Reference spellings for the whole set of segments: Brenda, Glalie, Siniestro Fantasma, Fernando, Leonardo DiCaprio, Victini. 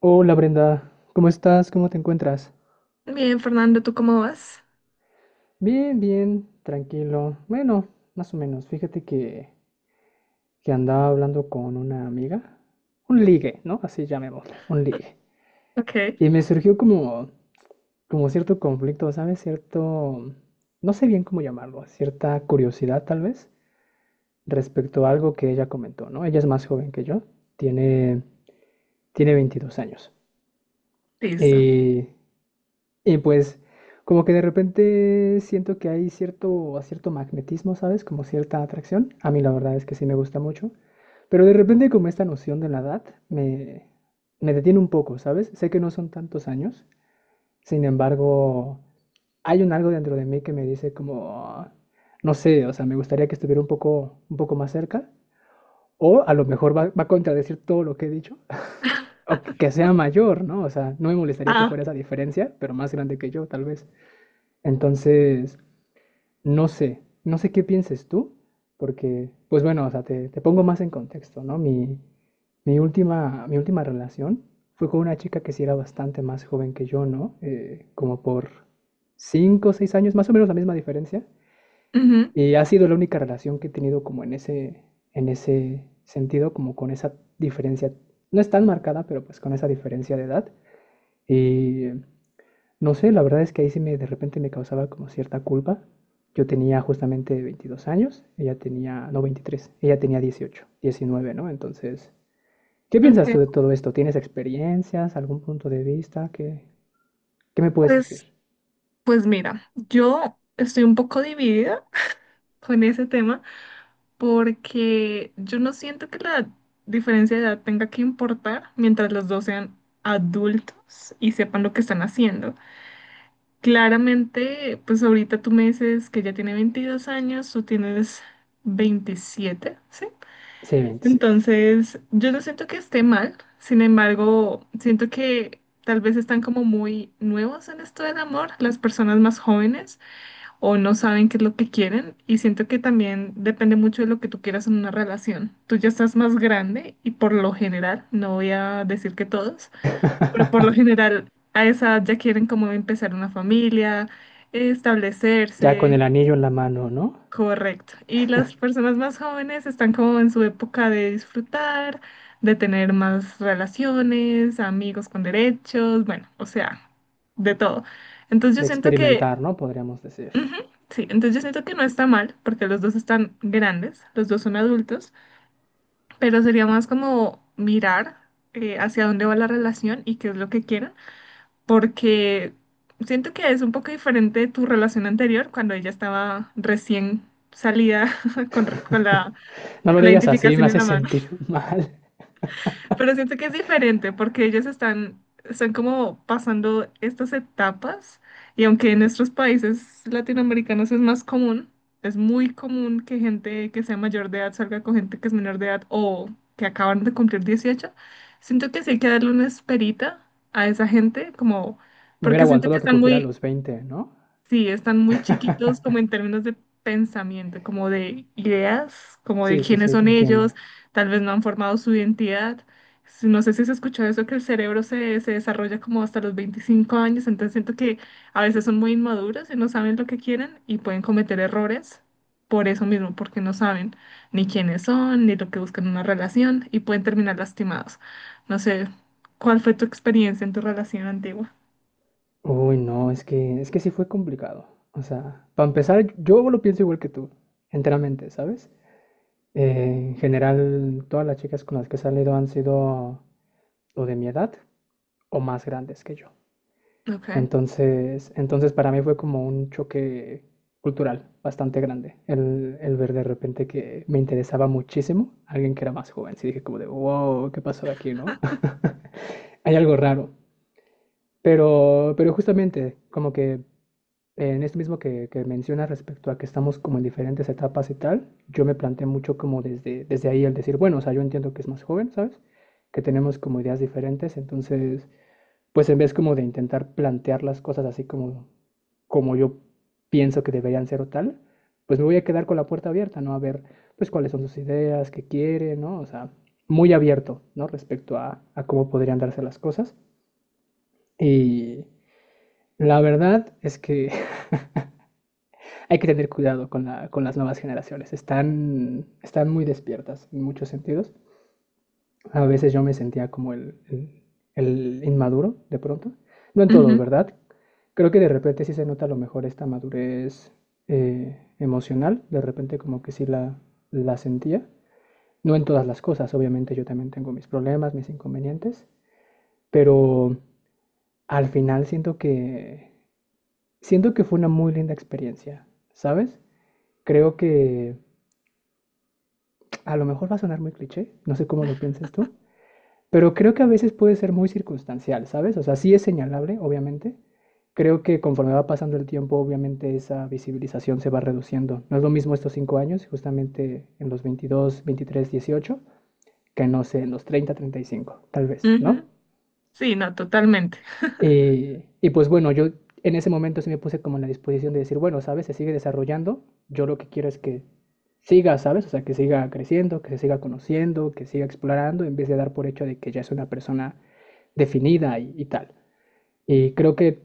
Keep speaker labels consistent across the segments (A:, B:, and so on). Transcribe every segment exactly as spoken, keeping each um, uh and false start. A: Hola Brenda, ¿cómo estás? ¿Cómo te encuentras?
B: Bien, Fernando, ¿tú cómo vas?
A: Bien, bien, tranquilo. Bueno, más o menos. Fíjate que, que andaba hablando con una amiga. Un ligue, ¿no? Así llamémosle, un ligue.
B: Ok,
A: Y me surgió como, como cierto conflicto, ¿sabes? Cierto, no sé bien cómo llamarlo, cierta curiosidad tal vez respecto a algo que ella comentó, ¿no? Ella es más joven que yo, tiene, tiene veintidós años.
B: listo.
A: Y Y pues como que de repente siento que hay cierto, cierto magnetismo, ¿sabes? Como cierta atracción. A mí la verdad es que sí me gusta mucho. Pero de repente como esta noción de la edad me, me detiene un poco, ¿sabes? Sé que no son tantos años. Sin embargo, hay un algo dentro de mí que me dice como, no sé, o sea, me gustaría que estuviera un poco, un poco más cerca. O a lo mejor va, va a contradecir todo lo que he dicho. O que que sea mayor, ¿no? O sea, no me molestaría que
B: Ah,
A: fuera esa diferencia, pero más grande que yo, tal vez. Entonces, no sé, no sé qué pienses tú, porque, pues bueno, o sea, te, te pongo más en contexto, ¿no? Mi, mi última, mi última relación fue con una chica que sí era bastante más joven que yo, ¿no? Eh, como por cinco, o seis años, más o menos la misma diferencia.
B: ujú,
A: Y ha sido la única relación que he tenido como en ese, en ese sentido, como con esa diferencia, no es tan marcada, pero pues con esa diferencia de edad. Y no sé, la verdad es que ahí sí me, de repente me causaba como cierta culpa. Yo tenía justamente veintidós años, ella tenía, no veintitrés, ella tenía dieciocho, diecinueve, ¿no? Entonces, ¿qué piensas tú de
B: ok.
A: todo esto? ¿Tienes experiencias, algún punto de vista? ¿Qué, qué me puedes decir?
B: Pues, pues mira, yo estoy un poco dividida con ese tema porque yo no siento que la diferencia de edad tenga que importar mientras los dos sean adultos y sepan lo que están haciendo. Claramente, pues ahorita tú me dices que ya tiene veintidós años, tú tienes veintisiete, ¿sí?
A: Sí, veintisiete.
B: Entonces, yo no siento que esté mal, sin embargo, siento que tal vez están como muy nuevos en esto del amor, las personas más jóvenes, o no saben qué es lo que quieren, y siento que también depende mucho de lo que tú quieras en una relación. Tú ya estás más grande y por lo general, no voy a decir que todos, pero por lo general a esa edad ya quieren como empezar una familia,
A: Ya
B: establecerse.
A: con el anillo en la mano, ¿no?
B: Correcto. Y las personas más jóvenes están como en su época de disfrutar, de tener más relaciones, amigos con derechos, bueno, o sea, de todo. Entonces yo
A: De
B: siento que,
A: experimentar, ¿no? Podríamos decir.
B: sí, entonces yo siento que no está mal, porque los dos están grandes, los dos son adultos, pero sería más como mirar eh, hacia dónde va la relación y qué es lo que quieren, porque siento que es un poco diferente tu relación anterior cuando ella estaba recién salida con, con la
A: No lo
B: la
A: digas así, me
B: identificación en
A: hace
B: la mano.
A: sentir mal.
B: Pero siento que es diferente porque ellos están, están como pasando estas etapas y aunque en nuestros países latinoamericanos es más común, es muy común que gente que sea mayor de edad salga con gente que es menor de edad o que acaban de cumplir dieciocho, siento que sí hay que darle una esperita a esa gente como
A: Me hubiera
B: porque siento que
A: aguantado que
B: están
A: cumpliera
B: muy.
A: los veinte, ¿no?
B: Sí, están muy chiquitos como en términos de pensamiento, como de ideas, como de
A: Sí, sí,
B: quiénes
A: sí, te
B: son ellos,
A: entiendo.
B: tal vez no han formado su identidad. Si- No sé si se escuchó eso, que el cerebro se, se desarrolla como hasta los veinticinco años, entonces siento que a veces son muy inmaduros y no saben lo que quieren y pueden cometer errores por eso mismo, porque no saben ni quiénes son, ni lo que buscan en una relación y pueden terminar lastimados. No sé, ¿cuál fue tu experiencia en tu relación antigua?
A: Uy, no, es que, es que sí fue complicado. O sea, para empezar, yo lo pienso igual que tú, enteramente, ¿sabes? Eh, en general, todas las chicas con las que he salido han sido o de mi edad o más grandes que yo.
B: Ok.
A: Entonces, entonces para mí fue como un choque cultural bastante grande el, el ver de repente que me interesaba muchísimo alguien que era más joven. Sí dije como de, wow, ¿qué pasó aquí, no? Hay algo raro. Pero, pero justamente, como que en esto mismo que, que mencionas respecto a que estamos como en diferentes etapas y tal, yo me planteé mucho como desde, desde ahí el decir, bueno, o sea, yo entiendo que es más joven, ¿sabes? Que tenemos como ideas diferentes, entonces, pues en vez como de intentar plantear las cosas así como, como yo pienso que deberían ser o tal, pues me voy a quedar con la puerta abierta, ¿no? A ver, pues cuáles son sus ideas, qué quiere, ¿no? O sea, muy abierto, ¿no? Respecto a, a cómo podrían darse las cosas. Y la verdad es que hay que tener cuidado con, la, con las nuevas generaciones. Están, están muy despiertas en muchos sentidos. A veces yo me sentía como el, el, el inmaduro de pronto. No en todo,
B: Ujú,
A: ¿verdad? Creo que de repente sí se nota a lo mejor esta madurez eh, emocional. De repente como que sí la, la sentía. No en todas las cosas, obviamente yo también tengo mis problemas, mis inconvenientes, pero al final siento que siento que fue una muy linda experiencia, ¿sabes? Creo que a lo mejor va a sonar muy cliché, no sé cómo lo pienses tú, pero creo que a veces puede ser muy circunstancial, ¿sabes? O sea, sí es señalable, obviamente. Creo que conforme va pasando el tiempo, obviamente esa visibilización se va reduciendo. No es lo mismo estos cinco años, justamente en los veintidós, veintitrés, dieciocho, que no sé, en los treinta, treinta y cinco, tal vez, ¿no?
B: ujú. Sí, no, totalmente.
A: Y, y pues bueno, yo en ese momento sí me puse como en la disposición de decir, bueno, ¿sabes? Se sigue desarrollando. Yo lo que quiero es que siga, ¿sabes? O sea, que siga creciendo, que se siga conociendo, que siga explorando, en vez de dar por hecho de que ya es una persona definida y, y tal. Y creo que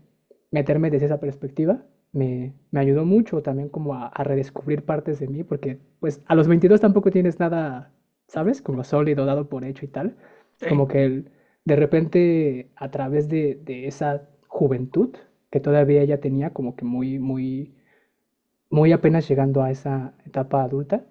A: meterme desde esa perspectiva me, me ayudó mucho también como a, a redescubrir partes de mí, porque pues a los veintidós tampoco tienes nada, ¿sabes? Como sólido, dado por hecho y tal.
B: Sí.
A: Como que el- de repente a través de, de esa juventud que todavía ella tenía, como que muy, muy muy apenas llegando a esa etapa adulta,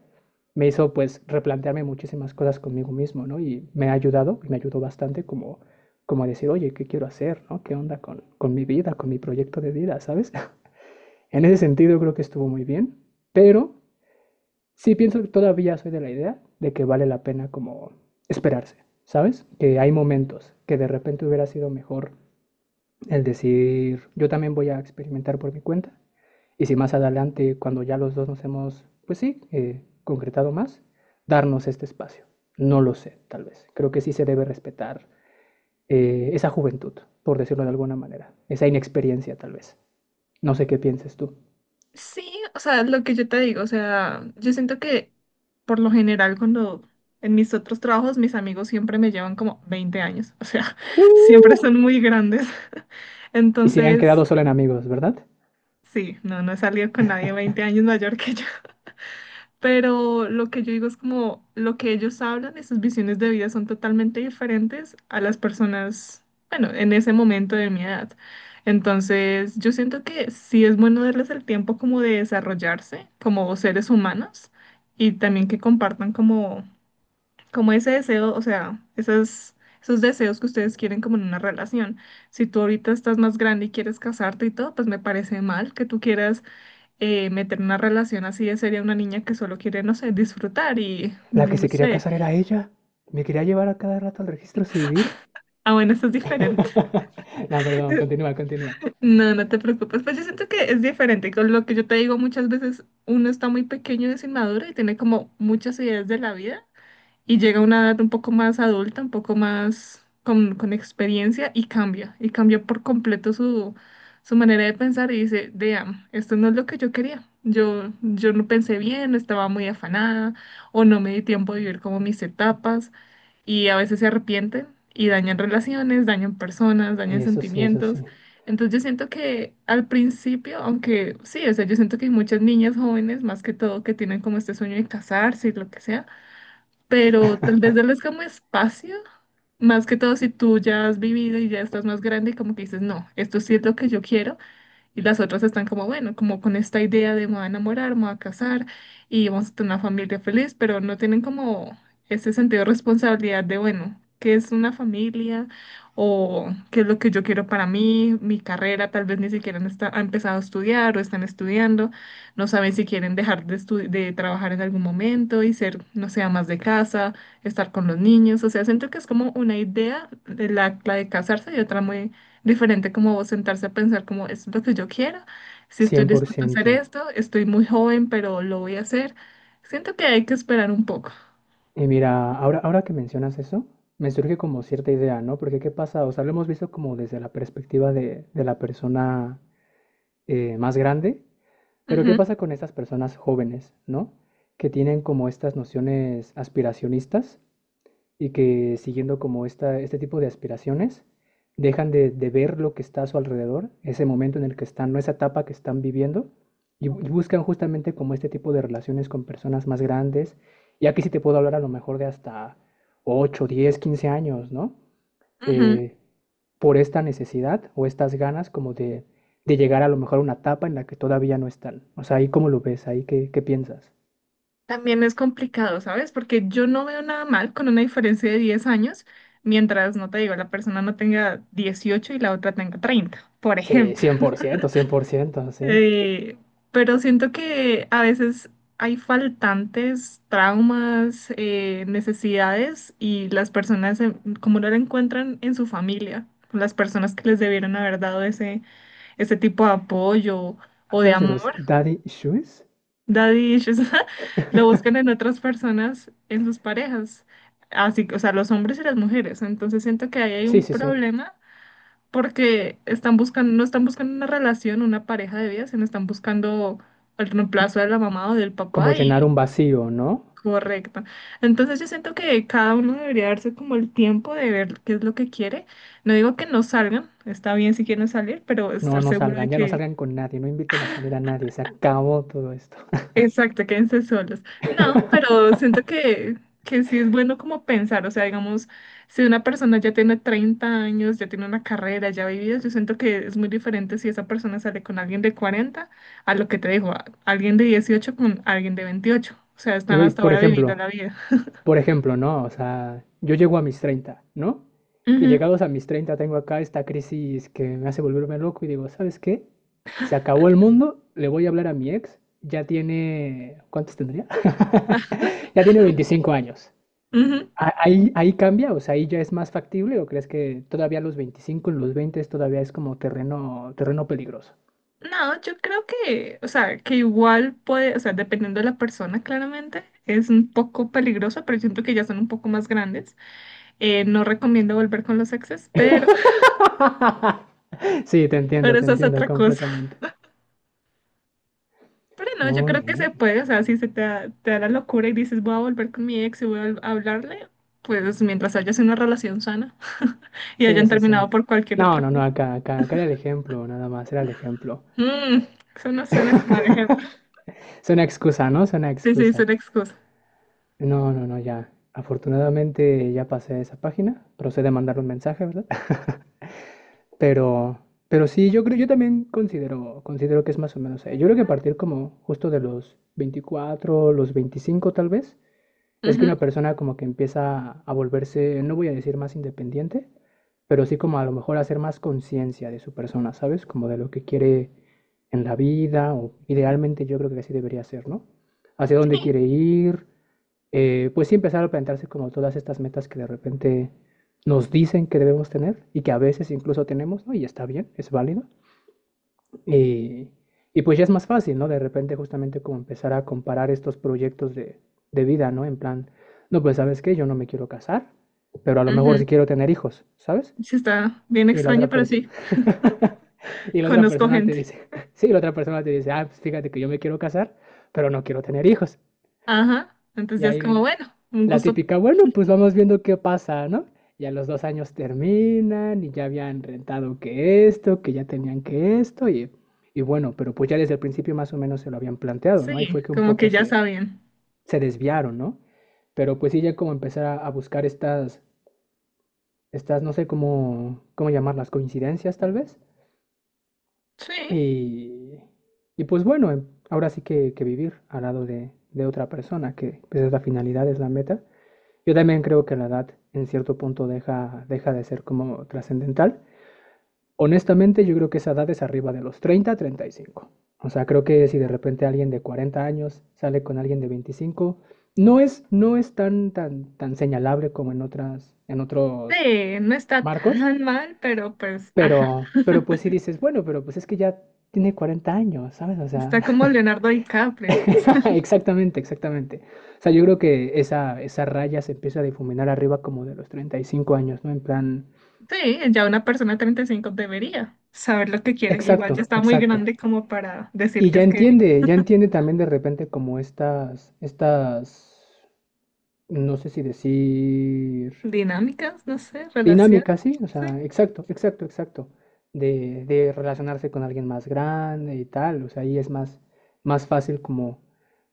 A: me hizo pues replantearme muchísimas cosas conmigo mismo, ¿no? Y me ha ayudado, y me ayudó bastante como, como a decir, oye, ¿qué quiero hacer, ¿no? ¿Qué onda con, con mi vida, con mi proyecto de vida, ¿sabes? En ese sentido creo que estuvo muy bien, pero sí pienso que todavía soy de la idea de que vale la pena como esperarse, ¿sabes? Que hay momentos que de repente hubiera sido mejor el decir, yo también voy a experimentar por mi cuenta. Y si más adelante, cuando ya los dos nos hemos, pues sí, eh, concretado más, darnos este espacio. No lo sé, tal vez. Creo que sí se debe respetar eh, esa juventud, por decirlo de alguna manera. Esa inexperiencia, tal vez. No sé qué pienses tú.
B: Sí, o sea, lo que yo te digo, o sea, yo siento que por lo general cuando en mis otros trabajos mis amigos siempre me llevan como veinte años, o sea, siempre
A: ¡Uh!
B: son muy grandes.
A: Y se han
B: Entonces,
A: quedado solo en amigos, ¿verdad?
B: sí, no, no he salido con nadie veinte años mayor que yo. Pero lo que yo digo es como lo que ellos hablan y sus visiones de vida son totalmente diferentes a las personas, bueno, en ese momento de mi edad. Entonces, yo siento que sí es bueno darles el tiempo como de desarrollarse como seres humanos y también que compartan como, como, ese deseo, o sea, esas, esos deseos que ustedes quieren como en una relación. Si tú ahorita estás más grande y quieres casarte y todo, pues me parece mal que tú quieras eh, meter una relación así ya sería una niña que solo quiere, no sé, disfrutar y
A: La
B: mm,
A: que
B: no
A: se quería
B: sé.
A: casar era ella. Me quería llevar a cada rato al registro civil.
B: Ah, bueno, esto es diferente.
A: No, perdón, continúa, continúa.
B: No, no te preocupes. Pues yo siento que es diferente. Con lo que yo te digo muchas veces, uno está muy pequeño y es inmaduro y tiene como muchas ideas de la vida. Y llega a una edad un poco más adulta, un poco más con, con experiencia y cambia, y cambia por completo su, su manera de pensar y dice, damn, esto no es lo que yo quería. Yo, yo no pensé bien, no estaba muy afanada o no me di tiempo de vivir como mis etapas y a veces se arrepienten y dañan relaciones, dañan personas, dañan
A: Eso sí, eso
B: sentimientos.
A: sí.
B: Entonces yo siento que al principio, aunque sí, o sea, yo siento que hay muchas niñas jóvenes, más que todo, que tienen como este sueño de casarse y lo que sea, pero tal vez darles como espacio, más que todo si tú ya has vivido y ya estás más grande y como que dices, no, esto sí es lo que yo quiero, y las otras están como, bueno, como con esta idea de me voy a enamorar, me voy a casar y vamos a tener una familia feliz, pero no tienen como ese sentido de responsabilidad de, bueno, qué es una familia o qué es lo que yo quiero para mí, mi carrera, tal vez ni siquiera han esta- han empezado a estudiar o están estudiando, no saben si quieren dejar de, estu- de trabajar en algún momento y ser, no sé, más de casa, estar con los niños, o sea, siento que es como una idea de la, la de casarse y otra muy diferente como sentarse a pensar como es lo que yo quiero, si estoy
A: cien por
B: dispuesto a hacer
A: ciento
B: esto, estoy muy joven, pero lo voy a hacer. Siento que hay que esperar un poco.
A: Y mira, ahora, ahora que mencionas eso, me surge como cierta idea, ¿no? Porque ¿qué pasa? O sea, lo hemos visto como desde la perspectiva de, de la persona eh, más grande, pero ¿qué
B: Ujú,
A: pasa con estas personas jóvenes, ¿no? Que tienen como estas nociones aspiracionistas y que siguiendo como esta, este tipo de aspiraciones, dejan de, de ver lo que está a su alrededor, ese momento en el que están, no esa etapa que están viviendo, y, bu- y buscan justamente como este tipo de relaciones con personas más grandes, y aquí sí te puedo hablar a lo mejor de hasta ocho diez quince años, ¿no?
B: ujú.
A: Eh, por esta necesidad o estas ganas como de, de llegar a lo mejor a una etapa en la que todavía no están. O sea, ahí cómo lo ves, ahí qué, qué piensas.
B: También es complicado, ¿sabes? Porque yo no veo nada mal con una diferencia de diez años, mientras, no te digo, la persona no tenga dieciocho y la otra tenga treinta por
A: Sí, cien
B: ejemplo.
A: cien por ciento, cien por ciento sí.
B: Eh, pero siento que a veces hay faltantes, traumas, eh, necesidades y las personas eh, como no la encuentran en su familia, las personas que les debieron haber dado ese, ese, tipo de apoyo o de
A: ¿Hablas de los
B: amor,
A: daddy issues?
B: daddy issues, lo buscan en otras personas, en sus parejas, así, que, o sea, los hombres y las mujeres. Entonces siento que ahí hay
A: Sí,
B: un
A: sí, sí.
B: problema porque están buscando, no están buscando una relación, una pareja de vida, sino están buscando el reemplazo de la mamá o del
A: Como
B: papá y.
A: llenar un vacío, ¿no?
B: Correcto. Entonces yo siento que cada uno debería darse como el tiempo de ver qué es lo que quiere. No digo que no salgan, está bien si quieren salir, pero
A: No,
B: estar
A: no
B: seguro de
A: salgan, ya no
B: que.
A: salgan con nadie, no inviten a salir a nadie, se acabó todo esto.
B: Exacto, quédense solos. No, pero siento que, que sí es bueno como pensar, o sea, digamos, si una persona ya tiene treinta años, ya tiene una carrera, ya ha vivido, yo siento que es muy diferente si esa persona sale con alguien de cuarenta a lo que te digo, a- alguien de dieciocho con alguien de veintiocho. O sea, están
A: Y
B: hasta
A: por
B: ahora viviendo
A: ejemplo,
B: la vida.
A: por ejemplo, ¿no? O sea, yo llego a mis treinta, ¿no? Y
B: Ujú,
A: llegados a mis treinta tengo acá esta crisis que me hace volverme loco y digo, ¿sabes qué? Se acabó el mundo, le voy a hablar a mi ex, ya tiene, ¿cuántos tendría? ya tiene veinticinco años.
B: ujú.
A: Ah, ¿Ahí, ahí cambia? O sea, ¿ahí, ya es más factible o crees que todavía a los veinticinco, en los veinte todavía es como terreno, terreno peligroso?
B: No, yo creo que, o sea, que igual puede, o sea, dependiendo de la persona, claramente, es un poco peligroso, pero siento que ya son un poco más grandes. Eh, no recomiendo volver con los exes, pero,
A: Sí, te entiendo,
B: pero
A: te
B: eso es
A: entiendo
B: otra cosa.
A: completamente.
B: Pero no, yo
A: Muy
B: creo que se
A: bien.
B: puede, o sea, si se te da, te da la locura y dices voy a volver con mi ex y voy a vol- a hablarle, pues mientras haya sido una relación sana y
A: Sí,
B: hayan
A: sí, sí.
B: terminado por cualquier
A: No,
B: otra
A: no, no,
B: cosa.
A: acá, acá, acá era el ejemplo, nada más, era el ejemplo.
B: Mm, eso no suena como al ejemplo.
A: Es una excusa, ¿no? Es una
B: Sí, sí, es
A: excusa.
B: una excusa.
A: No, no, no, ya. Afortunadamente ya pasé esa página. Procede a mandar un mensaje, ¿verdad? Pero, pero sí, yo creo, yo también considero, considero que es más o menos ahí. Yo creo que a partir como justo de los veinticuatro los veinticinco tal vez, es que
B: Ujú,
A: una persona como que empieza a volverse, no voy a decir más independiente, pero sí como a lo mejor hacer más conciencia de su persona, ¿sabes? Como de lo que quiere en la vida, o idealmente yo creo que así debería ser, ¿no? Hacia
B: sí,
A: dónde quiere ir, eh, pues sí empezar a plantearse como todas estas metas que de repente nos dicen que debemos tener y que a veces incluso tenemos, ¿no? Y está bien, es válido. Y, y pues ya es más fácil, ¿no? De repente justamente como empezar a comparar estos proyectos de, de vida, ¿no? En plan, no, pues sabes qué, yo no me quiero casar, pero a lo mejor
B: ujú.
A: sí quiero tener hijos, ¿sabes?
B: Sí, está bien
A: Y la
B: extraño,
A: otra
B: pero
A: persona...
B: sí,
A: y la otra
B: conozco
A: persona te
B: gente.
A: dice, sí, la otra persona te dice, ah, pues fíjate que yo me quiero casar, pero no quiero tener hijos.
B: Ajá, entonces
A: Y
B: ya es como,
A: ahí
B: bueno, un
A: la
B: gusto.
A: típica, bueno, pues vamos viendo qué pasa, ¿no? Y a los dos años terminan y ya habían rentado que esto, que ya tenían que esto y, y bueno, pero pues ya desde el principio más o menos se lo habían planteado, ¿no? Y
B: Sí,
A: fue que un
B: como
A: poco
B: que ya
A: se,
B: sabían.
A: se desviaron, ¿no? Pero pues sí, ya como empezar a, a buscar estas, estas, no sé cómo, cómo llamarlas, coincidencias tal vez.
B: Sí,
A: Y, y pues bueno, em, ahora sí que, que vivir al lado de, de otra persona, que pues, es la finalidad, es la meta. Yo también creo que la edad en cierto punto deja, deja de ser como trascendental. Honestamente, yo creo que esa edad es arriba de los treinta treinta y cinco. O sea, creo que si de repente alguien de cuarenta años sale con alguien de veinticinco, no es, no es tan, tan, tan señalable como en, otras, en otros
B: sí, no está
A: marcos,
B: tan mal, pero pues, ah.
A: pero, pero pues si dices, bueno, pero pues es que ya tiene cuarenta años, ¿sabes? O sea,
B: Está como Leonardo DiCaprio.
A: Exactamente, exactamente. O sea, yo creo que esa, esa raya se empieza a difuminar arriba como de los treinta y cinco años, ¿no? En plan,
B: Sí, ya una persona de treinta y cinco debería saber lo que quiere. Igual ya
A: exacto,
B: está muy
A: exacto.
B: grande como para decir
A: Y
B: que
A: ya
B: es que.
A: entiende, ya entiende también de repente como estas, estas, no sé si decir,
B: Dinámicas, no sé, relación.
A: dinámicas, ¿sí? O
B: Sí,
A: sea, exacto, exacto, exacto. De, de relacionarse con alguien más grande y tal. O sea, ahí es más, más fácil como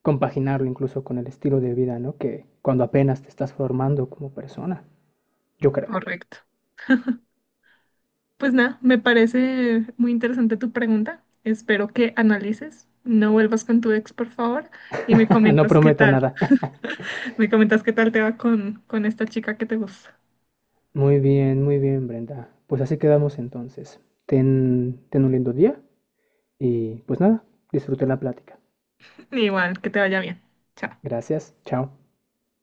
A: compaginarlo incluso con el estilo de vida, ¿no? Que cuando apenas te estás formando como persona. Yo creo.
B: correcto. Pues nada, me parece muy interesante tu pregunta. Espero que analices. No vuelvas con tu ex, por favor, y me
A: No
B: comentas qué
A: prometo
B: tal.
A: nada.
B: Me comentas qué tal te va con, con esta chica que te gusta.
A: Muy bien, muy bien, Brenda. Pues así quedamos entonces. Ten, ten un lindo día y pues nada, disfruté la plática.
B: Igual, que te vaya bien. Chao.
A: Gracias, chao.